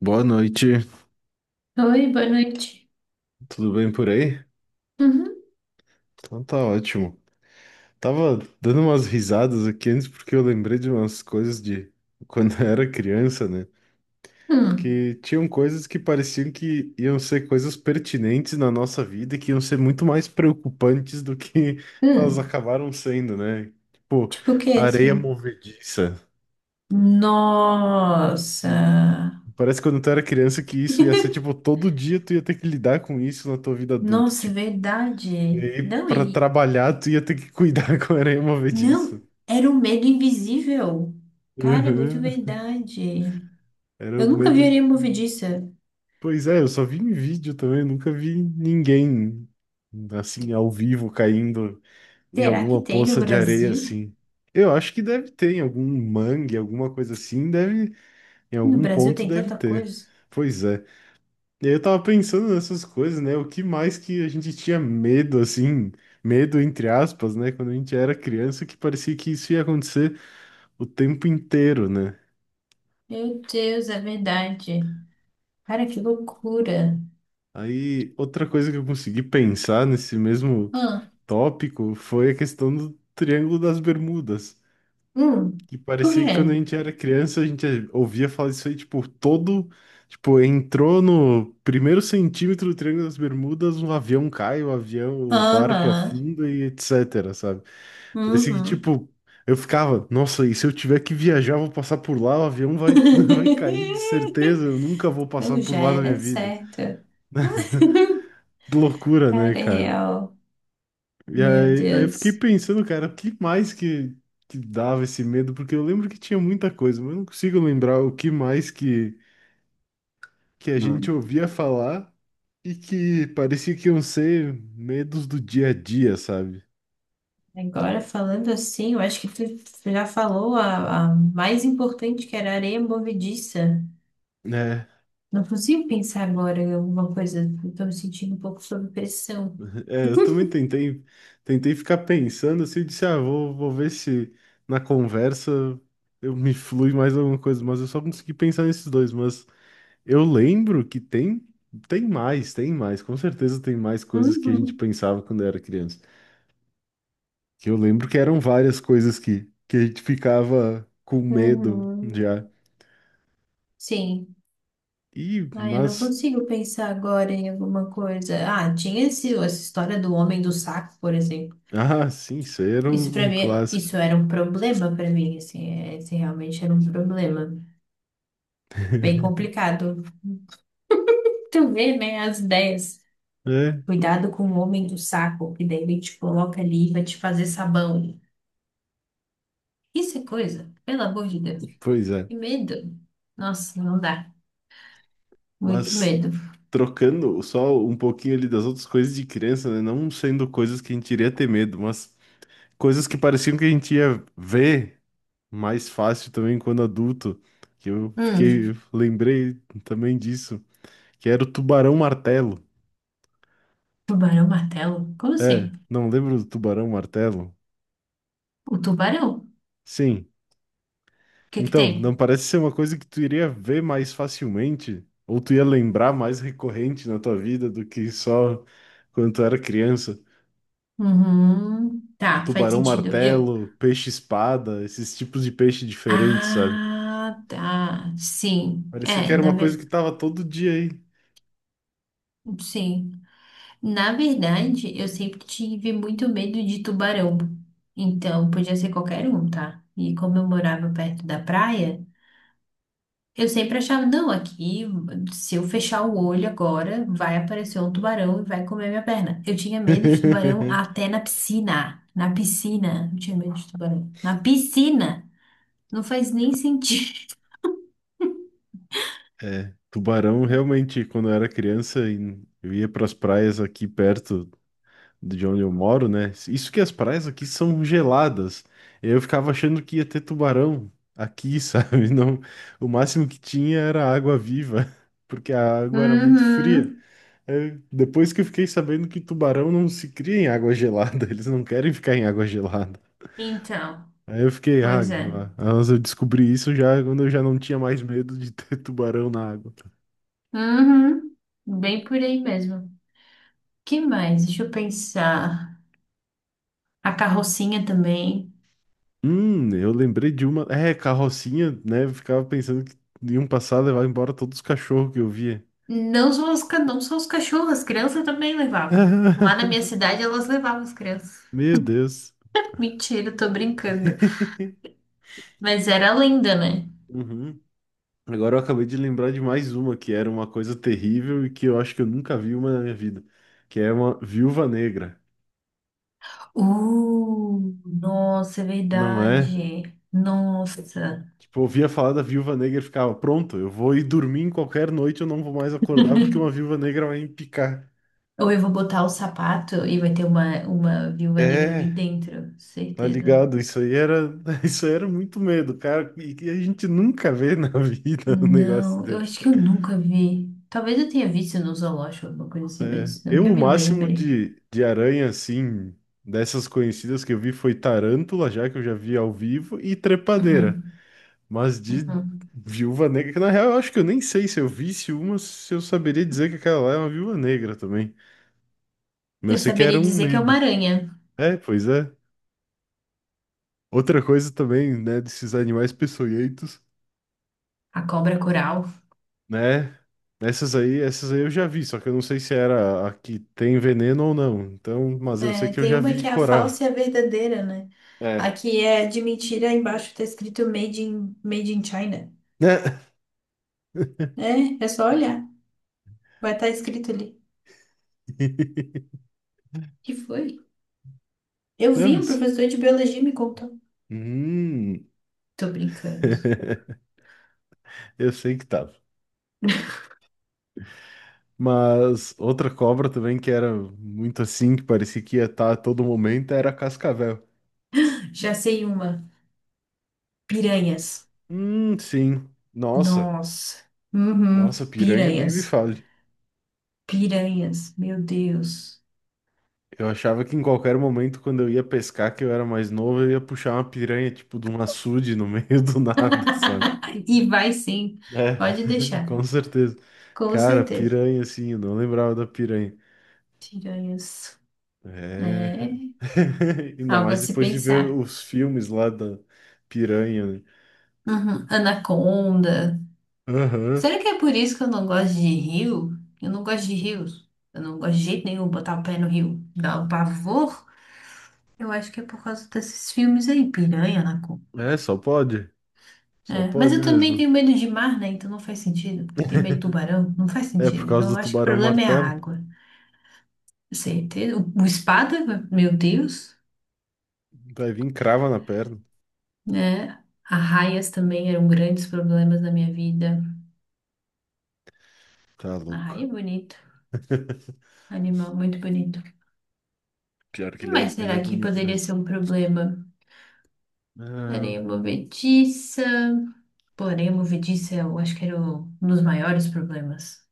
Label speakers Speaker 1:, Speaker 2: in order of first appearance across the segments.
Speaker 1: Boa noite,
Speaker 2: Oi, boa noite.
Speaker 1: tudo bem por aí?
Speaker 2: Uhum.
Speaker 1: Então tá ótimo. Tava dando umas risadas aqui antes porque eu lembrei de umas coisas de quando eu era criança, né?
Speaker 2: Hum.
Speaker 1: Que tinham coisas que pareciam que iam ser coisas pertinentes na nossa vida e que iam ser muito mais preocupantes do que elas
Speaker 2: Hum.
Speaker 1: acabaram sendo, né? Tipo,
Speaker 2: Tipo o que,
Speaker 1: areia
Speaker 2: assim?
Speaker 1: movediça. Né?
Speaker 2: Nossa.
Speaker 1: Parece que quando tu era criança que isso ia ser, tipo, todo dia tu ia ter que lidar com isso na tua vida adulta.
Speaker 2: Nossa, é
Speaker 1: Tipo, e
Speaker 2: verdade.
Speaker 1: aí,
Speaker 2: Não,
Speaker 1: pra
Speaker 2: e...
Speaker 1: trabalhar, tu ia ter que cuidar com aranha movediça.
Speaker 2: Não, era um medo invisível. Cara, é muito
Speaker 1: Uhum.
Speaker 2: verdade.
Speaker 1: Era o
Speaker 2: Eu nunca vi
Speaker 1: medo. Que-
Speaker 2: areia movediça.
Speaker 1: pois é, eu só vi em vídeo também, nunca vi ninguém assim ao vivo caindo em
Speaker 2: Será que
Speaker 1: alguma
Speaker 2: tem no
Speaker 1: poça de areia
Speaker 2: Brasil?
Speaker 1: assim. Eu acho que deve ter em algum mangue, alguma coisa assim, deve em
Speaker 2: No
Speaker 1: algum
Speaker 2: Brasil
Speaker 1: ponto
Speaker 2: tem
Speaker 1: deve
Speaker 2: tanta
Speaker 1: ter.
Speaker 2: coisa.
Speaker 1: Pois é. E aí eu tava pensando nessas coisas, né? O que mais que a gente tinha medo assim, medo entre aspas, né, quando a gente era criança, que parecia que isso ia acontecer o tempo inteiro, né?
Speaker 2: Meu Deus, é verdade. Cara, que loucura.
Speaker 1: Aí, outra coisa que eu consegui pensar nesse mesmo
Speaker 2: Ah,
Speaker 1: tópico foi a questão do Triângulo das Bermudas,
Speaker 2: hum.
Speaker 1: que
Speaker 2: Por
Speaker 1: parecia que quando
Speaker 2: quê?
Speaker 1: a gente era criança, a gente ouvia falar disso aí, tipo, todo, tipo, entrou no primeiro centímetro do Triângulo das Bermudas, um avião cai, o avião, o barco
Speaker 2: Aham.
Speaker 1: afunda e etc, sabe? Parecia que,
Speaker 2: Uhum.
Speaker 1: tipo, eu ficava, nossa, e se eu tiver que viajar, eu vou passar por lá, o avião vai, vai cair de certeza, eu nunca vou passar
Speaker 2: Eu
Speaker 1: por
Speaker 2: já
Speaker 1: lá na minha
Speaker 2: era
Speaker 1: vida.
Speaker 2: certa.
Speaker 1: Que loucura, né,
Speaker 2: Cara, é
Speaker 1: cara?
Speaker 2: real.
Speaker 1: E
Speaker 2: Meu
Speaker 1: aí, eu fiquei
Speaker 2: Deus.
Speaker 1: pensando, cara, o que mais que dava esse medo? Porque eu lembro que tinha muita coisa, mas eu não consigo lembrar o que mais que a gente
Speaker 2: Hum.
Speaker 1: ouvia falar e que parecia que iam ser medos do dia a dia, sabe?
Speaker 2: Agora, falando assim, eu acho que tu já falou a mais importante, que era a areia movediça.
Speaker 1: É,
Speaker 2: Não consigo pensar agora em alguma coisa. Estou me sentindo um pouco sob pressão.
Speaker 1: é, eu também tentei, tentei ficar pensando assim, eu disse, ah, vou ver se na conversa eu me flui mais alguma coisa, mas eu só consegui pensar nesses dois, mas eu lembro que tem, tem mais, com certeza tem mais coisas que a gente
Speaker 2: Uhum.
Speaker 1: pensava quando era criança. Que eu lembro que eram várias coisas que a gente ficava com medo
Speaker 2: Uhum.
Speaker 1: já.
Speaker 2: Sim.
Speaker 1: E,
Speaker 2: Ah, eu não
Speaker 1: mas,
Speaker 2: consigo pensar agora em alguma coisa. Ah, tinha essa história do homem do saco, por exemplo.
Speaker 1: ah, sim, isso aí era
Speaker 2: Isso
Speaker 1: um
Speaker 2: para
Speaker 1: um
Speaker 2: mim,
Speaker 1: clássico.
Speaker 2: isso era um problema para mim, assim, é, esse realmente era um problema. Bem complicado. Tu vê, né, as ideias.
Speaker 1: É,
Speaker 2: Cuidado com o homem do saco, que daí ele te coloca ali e vai te fazer sabão. Isso é coisa, pelo amor de Deus.
Speaker 1: pois é.
Speaker 2: Que medo. Nossa, não dá. Muito
Speaker 1: Mas
Speaker 2: medo.
Speaker 1: trocando só um pouquinho ali das outras coisas de criança, né? Não sendo coisas que a gente iria ter medo, mas coisas que pareciam que a gente ia ver mais fácil também quando adulto, que eu
Speaker 2: Hum,
Speaker 1: fiquei, lembrei também disso, que era o tubarão martelo.
Speaker 2: tubarão martelo? Como
Speaker 1: É,
Speaker 2: assim?
Speaker 1: não lembro do tubarão martelo?
Speaker 2: O tubarão? O
Speaker 1: Sim.
Speaker 2: que que
Speaker 1: Então,
Speaker 2: tem?
Speaker 1: não parece ser uma coisa que tu iria ver mais facilmente, ou tu ia lembrar mais recorrente na tua vida do que só quando tu era criança.
Speaker 2: Uhum.
Speaker 1: Tipo,
Speaker 2: Tá, faz
Speaker 1: tubarão
Speaker 2: sentido. Eu.
Speaker 1: martelo, peixe espada, esses tipos de peixe diferentes, sabe?
Speaker 2: Ah, tá. Sim.
Speaker 1: Parecia que
Speaker 2: É,
Speaker 1: era
Speaker 2: na
Speaker 1: uma coisa que
Speaker 2: verdade.
Speaker 1: tava todo dia aí.
Speaker 2: Sim. Na verdade, eu sempre tive muito medo de tubarão. Então, podia ser qualquer um, tá? E como eu morava perto da praia, eu sempre achava, não, aqui, se eu fechar o olho agora, vai aparecer um tubarão e vai comer minha perna. Eu tinha medo de tubarão até na piscina. Na piscina, eu tinha medo de tubarão. Na piscina! Não faz nem sentido.
Speaker 1: Tubarão, realmente, quando eu era criança, em- eu ia para as praias aqui perto de onde eu moro, né? Isso que as praias aqui são geladas. Eu ficava achando que ia ter tubarão aqui, sabe? Não, o máximo que tinha era água viva, porque a água era muito fria.
Speaker 2: Uhum.
Speaker 1: É, depois que eu fiquei sabendo que tubarão não se cria em água gelada, eles não querem ficar em água gelada.
Speaker 2: Então,
Speaker 1: Aí eu fiquei, ah,
Speaker 2: pois é.
Speaker 1: ah, mas eu descobri isso já quando eu já não tinha mais medo de ter tubarão na água.
Speaker 2: Uhum. Bem por aí mesmo. Que mais? Deixa eu pensar. A carrocinha também.
Speaker 1: Eu lembrei de uma. É, carrocinha, né? Eu ficava pensando que iam passar, levar embora todos os cachorros que eu via.
Speaker 2: Não só os, não só os cachorros, as crianças também levavam. Lá na minha cidade elas levavam as crianças.
Speaker 1: Meu Deus.
Speaker 2: Mentira, tô brincando. Mas era linda, né?
Speaker 1: Uhum. Agora eu acabei de lembrar de mais uma que era uma coisa terrível e que eu acho que eu nunca vi uma na minha vida, que é uma viúva negra,
Speaker 2: Nossa, é
Speaker 1: não é?
Speaker 2: verdade. Nossa.
Speaker 1: Tipo, eu ouvia falar da viúva negra e ficava, pronto, eu vou ir dormir em qualquer noite, eu não vou mais acordar porque uma viúva negra vai me picar.
Speaker 2: Ou eu vou botar o sapato e vai ter uma viúva negra ali
Speaker 1: É,
Speaker 2: dentro,
Speaker 1: tá
Speaker 2: certeza.
Speaker 1: ligado? Isso aí era, isso aí era muito medo, cara. E que a gente nunca vê na vida um negócio
Speaker 2: Não, eu
Speaker 1: desse.
Speaker 2: acho que eu nunca vi. Talvez eu tenha visto no zoológico, alguma coisa assim, mas não
Speaker 1: Eu,
Speaker 2: que eu
Speaker 1: o
Speaker 2: me
Speaker 1: máximo
Speaker 2: lembre.
Speaker 1: de aranha, assim, dessas conhecidas que eu vi foi tarântula, já que eu já vi ao vivo, e trepadeira.
Speaker 2: Uhum,
Speaker 1: Mas de
Speaker 2: uhum.
Speaker 1: viúva negra, que na real eu acho que eu nem sei se eu visse uma, se eu saberia dizer que aquela lá é uma viúva negra também. Mas eu
Speaker 2: Eu
Speaker 1: sei que era
Speaker 2: saberia
Speaker 1: um
Speaker 2: dizer que é uma
Speaker 1: medo.
Speaker 2: aranha.
Speaker 1: É, pois é. Outra coisa também, né, desses animais peçonhentos.
Speaker 2: A cobra coral.
Speaker 1: Né? Essas aí eu já vi, só que eu não sei se era a que tem veneno ou não. Então, mas eu sei
Speaker 2: É,
Speaker 1: que eu
Speaker 2: tem
Speaker 1: já
Speaker 2: uma
Speaker 1: vi
Speaker 2: que é a
Speaker 1: coral.
Speaker 2: falsa e a verdadeira, né? A
Speaker 1: É.
Speaker 2: que é de mentira, embaixo tá escrito Made in, Made in China.
Speaker 1: Né?
Speaker 2: É, é só olhar. Vai estar escrito ali. Que foi? Eu vi, um
Speaker 1: Nossa.
Speaker 2: professor de biologia me contou.
Speaker 1: Hum.
Speaker 2: Tô brincando.
Speaker 1: Eu sei que tava. Mas outra cobra também que era muito assim, que parecia que ia estar a todo momento, era a cascavel.
Speaker 2: Já sei uma. Piranhas.
Speaker 1: Sim. Nossa,
Speaker 2: Nossa. Uhum.
Speaker 1: nossa, piranha nem me
Speaker 2: Piranhas.
Speaker 1: fala.
Speaker 2: Piranhas. Meu Deus.
Speaker 1: Eu achava que em qualquer momento, quando eu ia pescar, que eu era mais novo, eu ia puxar uma piranha, tipo, de um açude no meio do nada, sabe?
Speaker 2: Ai, e vai sim.
Speaker 1: É,
Speaker 2: Pode deixar.
Speaker 1: com certeza.
Speaker 2: Com
Speaker 1: Cara,
Speaker 2: certeza.
Speaker 1: piranha, assim, eu não lembrava da piranha.
Speaker 2: Piranhas.
Speaker 1: É.
Speaker 2: É
Speaker 1: Ainda
Speaker 2: algo a
Speaker 1: mais
Speaker 2: se
Speaker 1: depois de ver
Speaker 2: pensar.
Speaker 1: os filmes lá da piranha, né?
Speaker 2: Uhum. Anaconda.
Speaker 1: Aham.
Speaker 2: Será que é por isso que eu não gosto de rio? Eu não gosto de rios. Eu não gosto de jeito nenhum botar o pé no rio. Dá um pavor. Eu acho que é por causa desses filmes aí, piranha, anaconda.
Speaker 1: É, só pode. Só
Speaker 2: É, mas
Speaker 1: pode
Speaker 2: eu também
Speaker 1: mesmo.
Speaker 2: tenho medo de mar, né? Então não faz sentido, porque eu tenho medo de tubarão, não faz
Speaker 1: É, por
Speaker 2: sentido.
Speaker 1: causa
Speaker 2: Então
Speaker 1: do
Speaker 2: eu acho que o
Speaker 1: tubarão
Speaker 2: problema é a
Speaker 1: martelo.
Speaker 2: água. Certeza. O espada, meu Deus,
Speaker 1: Vai vir crava na perna.
Speaker 2: né? Arraias também eram grandes problemas na minha vida.
Speaker 1: Tá
Speaker 2: Arraia
Speaker 1: louco.
Speaker 2: é bonito, animal muito bonito. O
Speaker 1: Pior que
Speaker 2: que mais
Speaker 1: ele
Speaker 2: será
Speaker 1: é
Speaker 2: que
Speaker 1: bonito
Speaker 2: poderia
Speaker 1: mesmo.
Speaker 2: ser um problema? Areia
Speaker 1: Ah.
Speaker 2: movediça. Pô, areia movediça, eu acho que era um dos maiores problemas.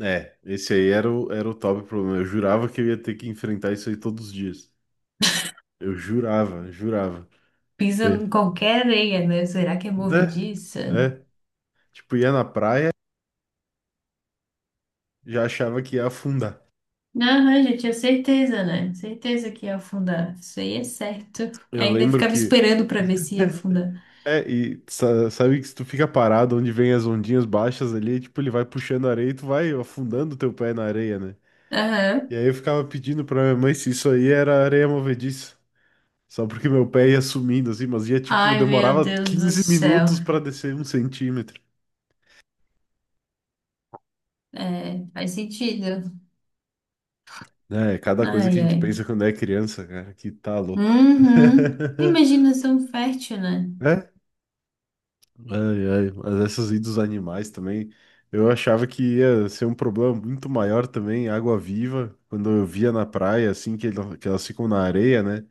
Speaker 1: É, esse aí era o, era o top problema. Eu jurava que eu ia ter que enfrentar isso aí todos os dias. Eu jurava, jurava.
Speaker 2: Pisa
Speaker 1: É,
Speaker 2: em qualquer areia, né? Será que é
Speaker 1: né?
Speaker 2: movediça?
Speaker 1: É. Tipo, ia na praia, já achava que ia afundar.
Speaker 2: Aham, já tinha certeza, né? Certeza que ia afundar. Isso aí é certo.
Speaker 1: Eu
Speaker 2: Ainda
Speaker 1: lembro
Speaker 2: ficava
Speaker 1: que.
Speaker 2: esperando pra ver se ia afundar.
Speaker 1: É, e sa- sabe que se tu fica parado onde vem as ondinhas baixas ali, tipo, ele vai puxando a areia e tu vai afundando teu pé na areia, né? E
Speaker 2: Aham.
Speaker 1: aí eu ficava pedindo pra minha mãe se isso aí era areia movediça. Só porque meu pé ia sumindo, assim, mas ia, tipo,
Speaker 2: Ai, meu
Speaker 1: demorava
Speaker 2: Deus do
Speaker 1: 15
Speaker 2: céu.
Speaker 1: minutos pra descer um centímetro.
Speaker 2: É, faz sentido.
Speaker 1: É, é cada coisa que a
Speaker 2: Ai,
Speaker 1: gente
Speaker 2: ai.
Speaker 1: pensa quando é criança, cara, que tá louco.
Speaker 2: Uhum. Imaginação fértil, né?
Speaker 1: É? Ai, ai, mas essas idas dos animais também, eu achava que ia ser um problema muito maior também, água-viva, quando eu via na praia, assim, que, ela- que elas ficam na areia, né?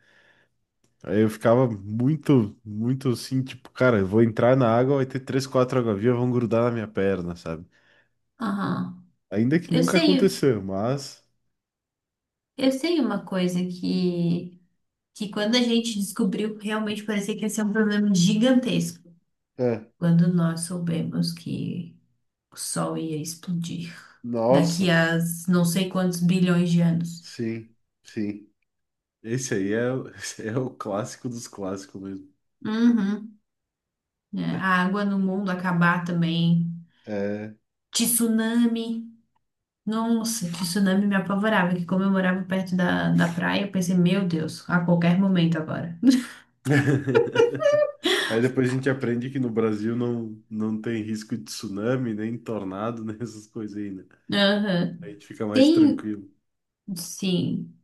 Speaker 1: Aí eu ficava muito assim, tipo, cara, eu vou entrar na água, vai ter três, quatro água-viva, vão grudar na minha perna, sabe?
Speaker 2: Aham.
Speaker 1: Ainda que
Speaker 2: Eu
Speaker 1: nunca
Speaker 2: sei.
Speaker 1: aconteceu, mas...
Speaker 2: Eu sei uma coisa que quando a gente descobriu, realmente parecia que ia ser um problema gigantesco.
Speaker 1: É,
Speaker 2: Quando nós soubemos que o Sol ia explodir
Speaker 1: nossa,
Speaker 2: daqui a não sei quantos bilhões de anos.
Speaker 1: sim, sim. Esse aí é, o- esse é o clássico dos clássicos mesmo.
Speaker 2: Uhum. É, a água no mundo acabar também.
Speaker 1: É.
Speaker 2: Tsunami. Nossa, tsunami me apavorava, que como eu morava perto da praia, eu pensei, meu Deus, a qualquer momento agora.
Speaker 1: Aí depois a gente aprende que no Brasil não tem risco de tsunami, nem tornado, nem essas coisas aí, né?
Speaker 2: Aham.
Speaker 1: Aí a gente fica mais
Speaker 2: Tem,
Speaker 1: tranquilo.
Speaker 2: sim.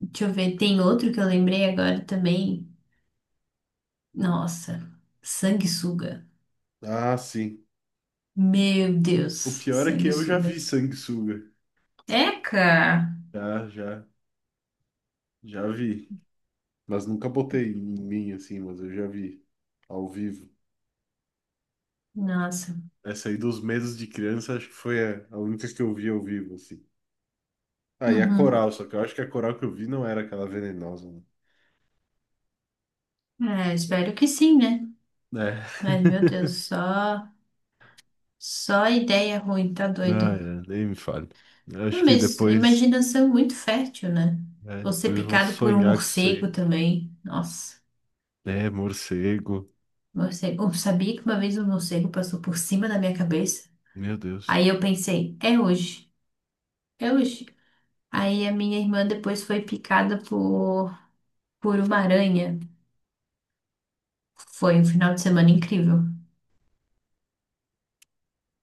Speaker 2: Deixa eu ver, tem outro que eu lembrei agora também. Nossa, sanguessuga.
Speaker 1: Ah, sim.
Speaker 2: Meu
Speaker 1: O
Speaker 2: Deus,
Speaker 1: pior é que eu já
Speaker 2: sanguessuga.
Speaker 1: vi sanguessuga.
Speaker 2: Eca!
Speaker 1: Já, já, já vi. Mas nunca botei em mim assim, mas eu já vi ao vivo.
Speaker 2: Nossa.
Speaker 1: Essa aí dos medos de criança, acho que foi a única que eu vi ao vivo, assim. Ah, e a
Speaker 2: Uhum.
Speaker 1: coral, só que eu acho que a coral que eu vi não era aquela venenosa, né?
Speaker 2: É, espero que sim, né?
Speaker 1: É.
Speaker 2: Mas, meu Deus, só ideia ruim, tá
Speaker 1: Ah,
Speaker 2: doido.
Speaker 1: é, nem me fale. Eu acho
Speaker 2: Não,
Speaker 1: que
Speaker 2: mas
Speaker 1: depois,
Speaker 2: imaginação muito fértil, né?
Speaker 1: né,
Speaker 2: Ou ser
Speaker 1: depois eu vou
Speaker 2: picado por um
Speaker 1: sonhar com isso aí.
Speaker 2: morcego também. Nossa,
Speaker 1: É, morcego.
Speaker 2: morcego. Eu sabia que uma vez um morcego passou por cima da minha cabeça.
Speaker 1: Meu Deus.
Speaker 2: Aí eu pensei, é hoje. É hoje. Aí a minha irmã depois foi picada por uma aranha. Foi um final de semana incrível.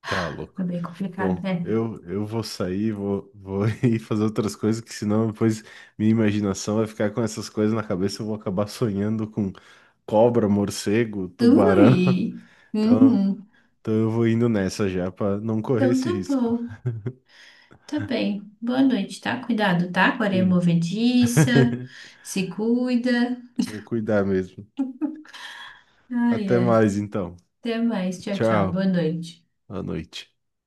Speaker 1: Tá
Speaker 2: Foi
Speaker 1: louco.
Speaker 2: bem complicado,
Speaker 1: Bom,
Speaker 2: né?
Speaker 1: eu vou sair, vou ir fazer outras coisas, que senão depois minha imaginação vai ficar com essas coisas na cabeça, eu vou acabar sonhando com cobra, morcego, tubarão.
Speaker 2: Ui!
Speaker 1: Então,
Speaker 2: Uhum.
Speaker 1: então eu vou indo nessa já, para não correr
Speaker 2: Então
Speaker 1: esse
Speaker 2: tá
Speaker 1: risco.
Speaker 2: bom. Tá bem. Boa noite, tá? Cuidado, tá? Com a areia
Speaker 1: Sim.
Speaker 2: movediça. Se cuida.
Speaker 1: Vou cuidar mesmo.
Speaker 2: Ai,
Speaker 1: Até
Speaker 2: ai.
Speaker 1: mais então.
Speaker 2: Até mais. Tchau, tchau.
Speaker 1: Tchau.
Speaker 2: Boa noite.
Speaker 1: À noite.